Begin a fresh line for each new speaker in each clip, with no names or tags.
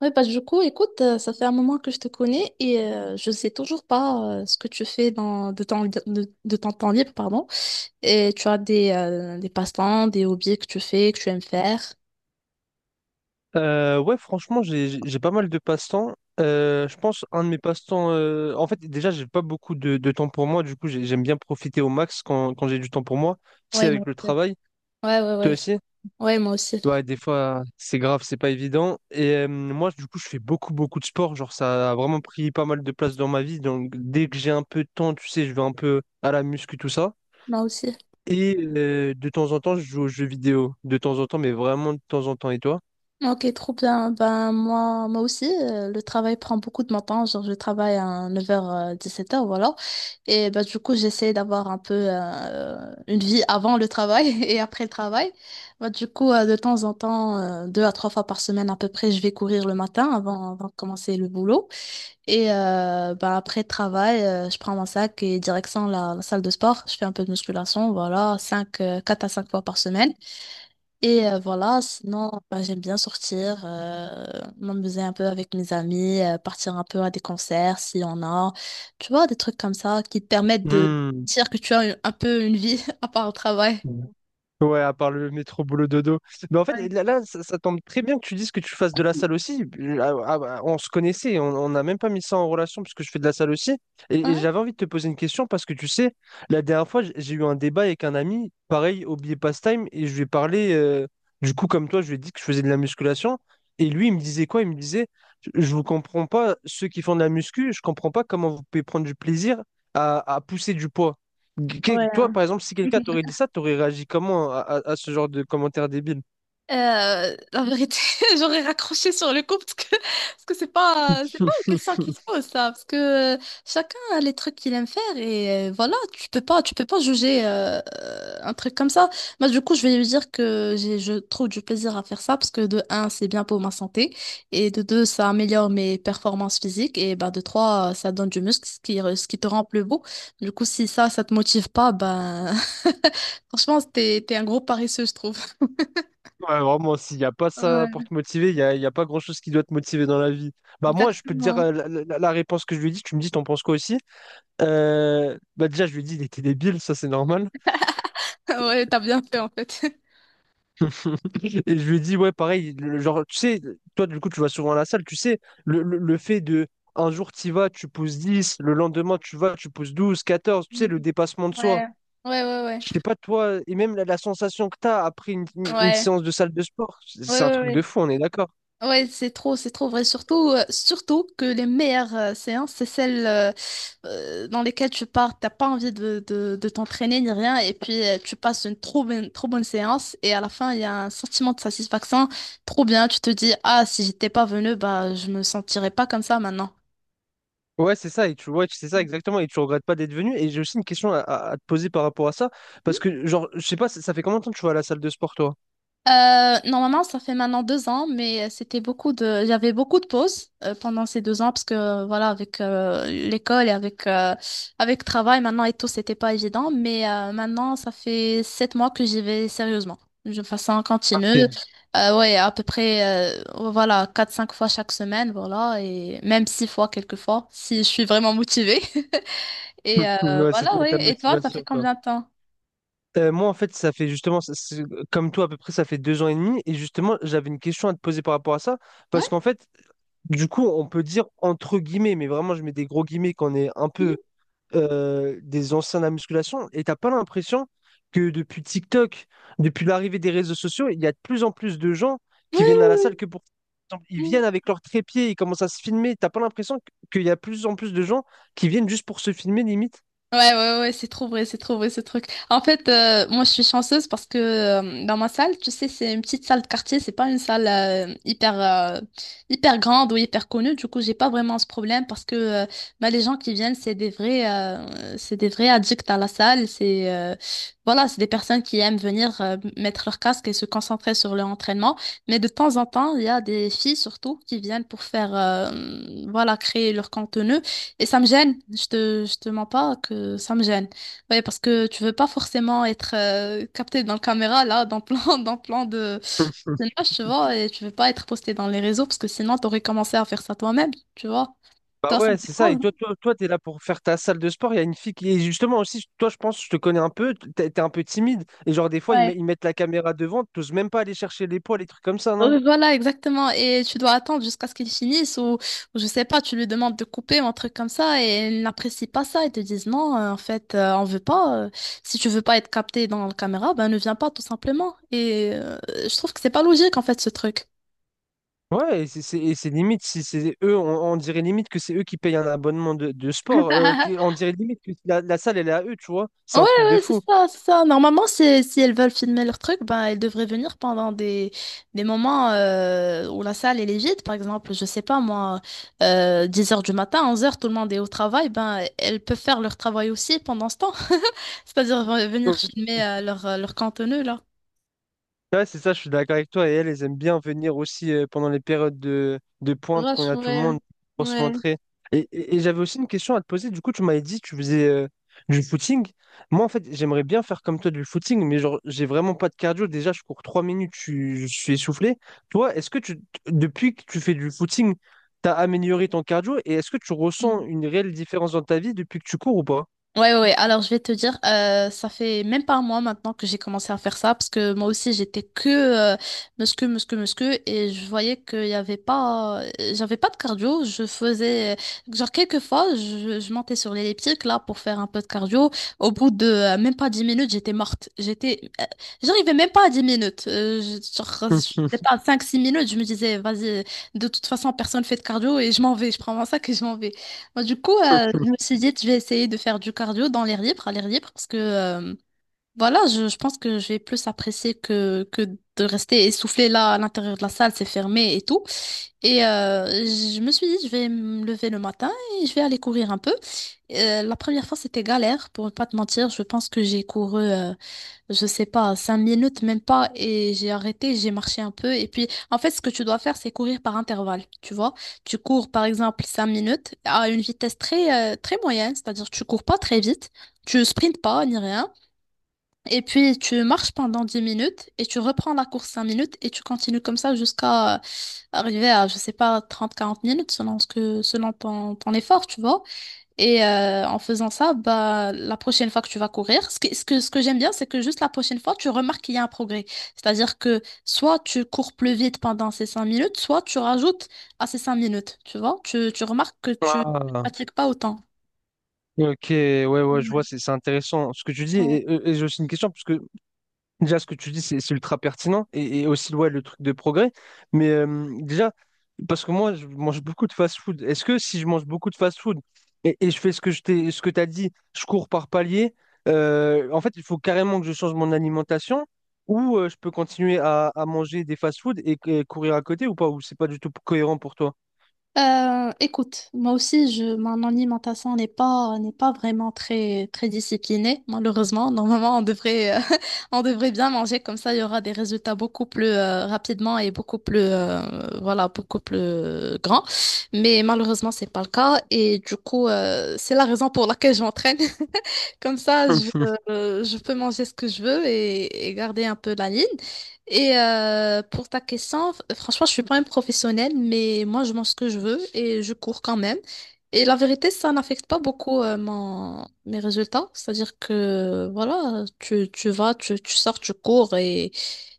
Oui, bah, du coup, écoute, ça fait un moment que je te connais et je sais toujours pas ce que tu fais dans, de ton temps libre, pardon. Et tu as des passe-temps, des hobbies que tu fais, que tu aimes faire.
Ouais, franchement, j'ai pas mal de passe-temps. Je pense un de mes passe-temps. En fait, déjà, j'ai pas beaucoup de temps pour moi. Du coup, j'aime bien profiter au max quand j'ai du temps pour moi. Tu sais,
Ouais,
avec
moi
le
aussi.
travail,
Ouais, ouais,
toi
ouais.
aussi.
Ouais, moi aussi.
Ouais, des fois, c'est grave, c'est pas évident. Et moi, du coup, je fais beaucoup de sport. Genre, ça a vraiment pris pas mal de place dans ma vie. Donc, dès que j'ai un peu de temps, tu sais, je vais un peu à la muscu, tout ça.
Moi aussi.
Et de temps en temps, je joue aux jeux vidéo. De temps en temps, mais vraiment de temps en temps. Et toi?
Ok, trop bien. Ben, moi aussi, le travail prend beaucoup de mon temps. Genre, je travaille à 9 h-17 h, voilà. Et ben, du coup, j'essaie d'avoir un peu une vie avant le travail et après le travail. Ben, du coup, de temps en temps, deux à trois fois par semaine à peu près, je vais courir le matin avant de commencer le boulot. Et ben, après le travail, je prends mon sac et direction la salle de sport. Je fais un peu de musculation, voilà, 4 à 5 fois par semaine. Et voilà, sinon, ben, j'aime bien sortir, m'amuser un peu avec mes amis, partir un peu à des concerts s'il y en a. Tu vois, des trucs comme ça qui te permettent de
Hmm.
dire que tu as un peu une vie à part au travail.
Ouais, à part le métro boulot dodo. Mais en fait, là, ça tombe très bien que tu dises que tu fasses de la salle aussi. Ah, ah, bah, on se connaissait, on n'a même pas mis ça en relation puisque je fais de la salle aussi. Et
Hein?
j'avais envie de te poser une question parce que tu sais, la dernière fois, j'ai eu un débat avec un ami, pareil, au billet pastime, et je lui ai parlé, du coup, comme toi, je lui ai dit que je faisais de la musculation. Et lui, il me disait quoi? Il me disait, je vous comprends pas, ceux qui font de la muscu, je comprends pas comment vous pouvez prendre du plaisir à pousser du poids.
Ouais.
Toi, par exemple, si quelqu'un t'aurait dit ça, t'aurais réagi comment à ce genre de commentaire débile?
La vérité, j'aurais raccroché sur le coup parce que c'est pas une question qui se pose ça parce que chacun a les trucs qu'il aime faire et voilà, tu peux pas juger un truc comme ça. Moi, du coup, je vais lui dire que j'ai je trouve du plaisir à faire ça, parce que de un, c'est bien pour ma santé, et de deux, ça améliore mes performances physiques, et bah, de trois, ça donne du muscle, ce qui te rend plus beau. Du coup, si ça te motive pas, ben, franchement, t'es un gros paresseux, je trouve.
Ouais, vraiment, s'il n'y a pas ça pour te motiver, il y a pas grand-chose qui doit te motiver dans la vie. Bah moi, je peux te dire
Exactement.
la réponse que je lui ai dit, tu me dis, t'en penses quoi aussi? Bah déjà, je lui ai dit, il était débile, ça c'est normal.
Ouais, t'as bien fait en fait.
Et je lui ai dit, ouais, pareil, le genre, tu sais, toi, du coup, tu vas souvent à la salle, tu sais, le fait de, un jour, tu vas, tu pousses 10, le lendemain, tu vas, tu pousses 12, 14. Tu
Mm.
sais, le dépassement de soi.
Ouais, ouais, ouais, ouais,
Je sais pas toi, et même la, la sensation que tu as après
ouais,
une
ouais,
séance de salle de sport, c'est
ouais,
c'est un truc de
ouais.
fou, on est d'accord.
Ouais, c'est trop vrai. Surtout, surtout que les meilleures séances, c'est celles dans lesquelles tu pars, t'as pas envie de t'entraîner ni rien, et puis tu passes une trop bonne séance, et à la fin, il y a un sentiment de satisfaction trop bien. Tu te dis, ah, si j'étais pas venu, bah, je me sentirais pas comme ça maintenant.
Ouais, c'est ça, et c'est ça exactement, et tu regrettes pas d'être venu. Et j'ai aussi une question à te poser par rapport à ça, parce que genre, je sais pas, ça fait combien de temps que tu vas à la salle de sport, toi?
Normalement, ça fait maintenant 2 ans, mais j'avais beaucoup de pauses pendant ces 2 ans, parce que voilà, avec l'école et avec le travail maintenant et tout, c'était pas évident. Mais maintenant, ça fait 7 mois que j'y vais sérieusement, de façon continue.
Ok.
Ouais, à peu près voilà, quatre cinq fois chaque semaine, voilà, et même six fois quelquefois si je suis vraiment motivée. Et
Ouais,
voilà,
c'était ta
ouais. Et toi, ça
motivation,
fait
quoi.
combien de temps?
Moi, en fait, ça fait justement, ça- c'est- comme toi, à peu près, ça fait deux ans et demi. Et justement, j'avais une question à te poser par rapport à ça. Parce
Ouais.
qu'en fait, du coup, on peut dire entre guillemets, mais vraiment, je mets des gros guillemets qu'on est un peu
Mhm.
des anciens de la musculation et t'as pas l'impression que depuis TikTok, depuis l'arrivée des réseaux sociaux, il y a de plus en plus de gens
Oui,
qui viennent à la
oui,
salle que pour... Ils
oui.
viennent avec leur trépied, ils commencent à se filmer. T'as pas l'impression qu'il y a de plus en plus de gens qui viennent juste pour se filmer, limite?
Ouais, ouais, ouais, c'est trop vrai ce truc. En fait, moi je suis chanceuse parce que dans ma salle, tu sais, c'est une petite salle de quartier, c'est pas une salle hyper grande ou hyper connue. Du coup, j'ai pas vraiment ce problème, parce que bah, les gens qui viennent, c'est des vrais addicts à la salle, c'est voilà, c'est des personnes qui aiment venir mettre leur casque et se concentrer sur leur entraînement. Mais de temps en temps, il y a des filles surtout qui viennent pour faire voilà, créer leur contenu. Et ça me gêne, je te mens pas que ça me gêne. Ouais, parce que tu veux pas forcément être capté dans la caméra, là, dans plan de personnage, tu vois, et tu veux pas être posté dans les réseaux, parce que sinon t'aurais commencé à faire ça toi-même, tu vois.
Bah
Toi, ça te
ouais, c'est ça. Et
dérange?
toi, t'es là pour faire ta salle de sport. Il y a une fille qui est justement aussi. Toi, je pense, je te connais un peu. T'es un peu timide. Et genre, des fois,
Non?
ils mettent la caméra devant. T'oses même pas aller chercher les poids, les trucs comme ça, non?
Voilà, exactement. Et tu dois attendre jusqu'à ce qu'ils finissent, ou je sais pas, tu lui demandes de couper ou un truc comme ça, et ils n'apprécient pas ça. Ils te disent non, en fait, on veut pas. Si tu veux pas être capté dans la caméra, ben ne viens pas, tout simplement. Et je trouve que c'est pas logique en fait, ce truc.
Ouais, et c'est limite. Si c'est eux, on dirait limite que c'est eux qui payent un abonnement de sport. On dirait limite que la salle, elle est à eux, tu vois. C'est
Ouais,
un truc de
ouais, c'est
fou.
ça, c'est ça. Normalement, si elles veulent filmer leur truc, ben, elles devraient venir pendant des moments où la salle elle est vide. Par exemple, je sais pas, moi, 10 h du matin, 11 h, tout le monde est au travail. Ben, elles peuvent faire leur travail aussi pendant ce temps. C'est-à-dire venir filmer leur contenu, là.
Ouais, c'est ça, je suis d'accord avec toi. Et elles, elles aiment bien venir aussi pendant les périodes de pointe, quand il y
Rush,
a tout le
ouais.
monde, pour se
Ouais.
montrer. Et j'avais aussi une question à te poser. Du coup, tu m'avais dit que tu faisais du footing. Moi, en fait, j'aimerais bien faire comme toi du footing, mais genre, j'ai vraiment pas de cardio. Déjà, je cours trois minutes, je suis essoufflé. Toi, est-ce que tu, depuis que tu fais du footing, tu as amélioré ton cardio et est-ce que tu ressens une réelle différence dans ta vie depuis que tu cours ou pas?
Ouais, ouais, ouais. Alors je vais te dire, ça fait même pas un mois maintenant que j'ai commencé à faire ça, parce que moi aussi j'étais que muscu, muscu, muscu, et je voyais qu'il y avait pas, j'avais pas de cardio, je faisais, genre, quelques fois, je montais sur l'elliptique là pour faire un peu de cardio, au bout de même pas 10 minutes, j'étais morte, j'arrivais même pas à 10 minutes, genre, je sais pas, 5-6 minutes, je me disais, vas-y, de toute façon personne fait de cardio, et je m'en vais, je prends mon sac et je m'en vais. Moi, du coup, je me suis dit, je vais essayer de faire du cardio à l'air libre, parce que voilà, je pense que je vais plus apprécier que de rester essoufflé là, à l'intérieur de la salle, c'est fermé et tout. Et je me suis dit, je vais me lever le matin et je vais aller courir un peu. La première fois, c'était galère, pour ne pas te mentir. Je pense que j'ai couru je sais pas, 5 minutes même pas, et j'ai arrêté, j'ai marché un peu, et puis en fait, ce que tu dois faire, c'est courir par intervalle, tu vois. Tu cours par exemple 5 minutes à une vitesse très moyenne, c'est-à-dire tu cours pas très vite, tu sprintes pas ni rien, et puis tu marches pendant 10 minutes et tu reprends la course 5 minutes et tu continues comme ça jusqu'à arriver à, je sais pas, 30 40 minutes selon ce que selon ton effort, tu vois. Et en faisant ça, bah, la prochaine fois que tu vas courir, ce que j'aime bien, c'est que juste la prochaine fois, tu remarques qu'il y a un progrès. C'est-à-dire que soit tu cours plus vite pendant ces 5 minutes, soit tu rajoutes à ces 5 minutes. Tu vois, tu remarques que tu ne
Ah,
pratiques pas autant.
ok, ouais, ouais, je vois, c'est intéressant ce que tu dis.
Ouais.
Et, j'ai aussi une question, parce que déjà, ce que tu dis, c'est ultra pertinent et aussi ouais, le truc de progrès. Mais parce que moi, je mange beaucoup de fast-food. Est-ce que si je mange beaucoup de fast-food et je fais ce que ce que tu as dit, je cours par palier, en fait, il faut carrément que je change mon alimentation ou je peux continuer à manger des fast-food et courir à côté ou pas, ou c'est pas du tout cohérent pour toi?
Écoute, moi aussi, mon alimentation n'est pas vraiment très, très disciplinée, malheureusement. Normalement, on devrait, on devrait bien manger, comme ça il y aura des résultats beaucoup plus rapidement et beaucoup plus, voilà, beaucoup plus grands. Mais malheureusement, c'est pas le cas. Et du coup, c'est la raison pour laquelle je m'entraîne. Comme ça, je peux manger ce que je veux et garder un peu la ligne. Et pour ta question, franchement, je suis pas une professionnelle, mais moi, je mange ce que je veux et je cours quand même. Et la vérité, ça n'affecte pas beaucoup mes résultats. C'est-à-dire que, voilà, tu vas, tu sors, tu cours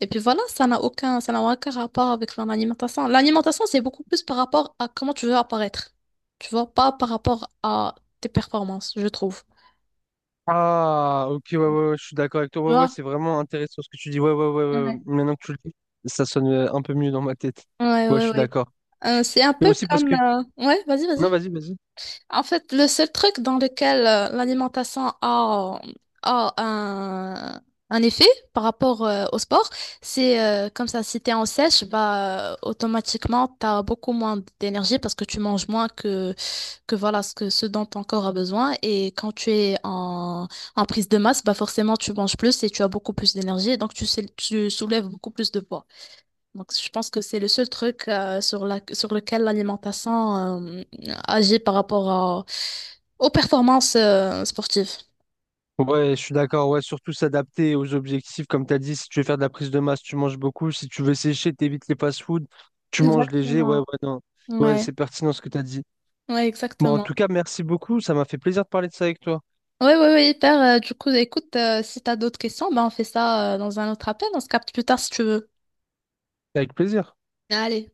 et puis voilà, ça n'a aucun rapport avec mon alimentation. L'alimentation, c'est beaucoup plus par rapport à comment tu veux apparaître. Tu vois, pas par rapport à tes performances, je trouve.
Mhm. Ah, ok, ouais, ouais, ouais, je suis d'accord avec toi. Ouais, ouais, c'est vraiment intéressant ce que tu dis. Ouais, ouais, ouais, ouais, ouais.
Ouais,
Maintenant que tu le dis, ça sonne un peu mieux dans ma tête.
ouais,
Ouais, je
ouais.
suis
Ouais.
d'accord.
C'est un
Mais
peu
aussi parce
comme…
que...
Ouais, vas-y,
Non,
vas-y.
vas-y, vas-y.
En fait, le seul truc dans lequel l'alimentation a un effet par rapport au sport, c'est comme ça, si t'es en sèche, bah, automatiquement, t'as beaucoup moins d'énergie parce que tu manges moins que, voilà, ce dont ton corps a besoin. Et quand tu es en prise de masse, bah, forcément, tu manges plus et tu as beaucoup plus d'énergie. Donc, tu soulèves beaucoup plus de poids. Donc, je pense que c'est le seul truc sur lequel l'alimentation euh, agit par rapport aux performances sportives.
Ouais, je suis d'accord. Ouais, surtout s'adapter aux objectifs. Comme tu as dit, si tu veux faire de la prise de masse, tu manges beaucoup. Si tu veux sécher, t'évites les fast-food. Tu manges léger. Ouais, ouais,
Exactement.
non. Ouais,
Ouais,
c'est pertinent ce que tu as dit.
ouais,
Bon, en
exactement.
tout cas, merci beaucoup. Ça m'a fait plaisir de parler de ça avec toi.
Ouais, ouais, ouais, hyper. Du coup, écoute, si t'as d'autres questions, ben on fait ça dans un autre appel. On se capte plus tard si tu veux.
Avec plaisir.
Allez.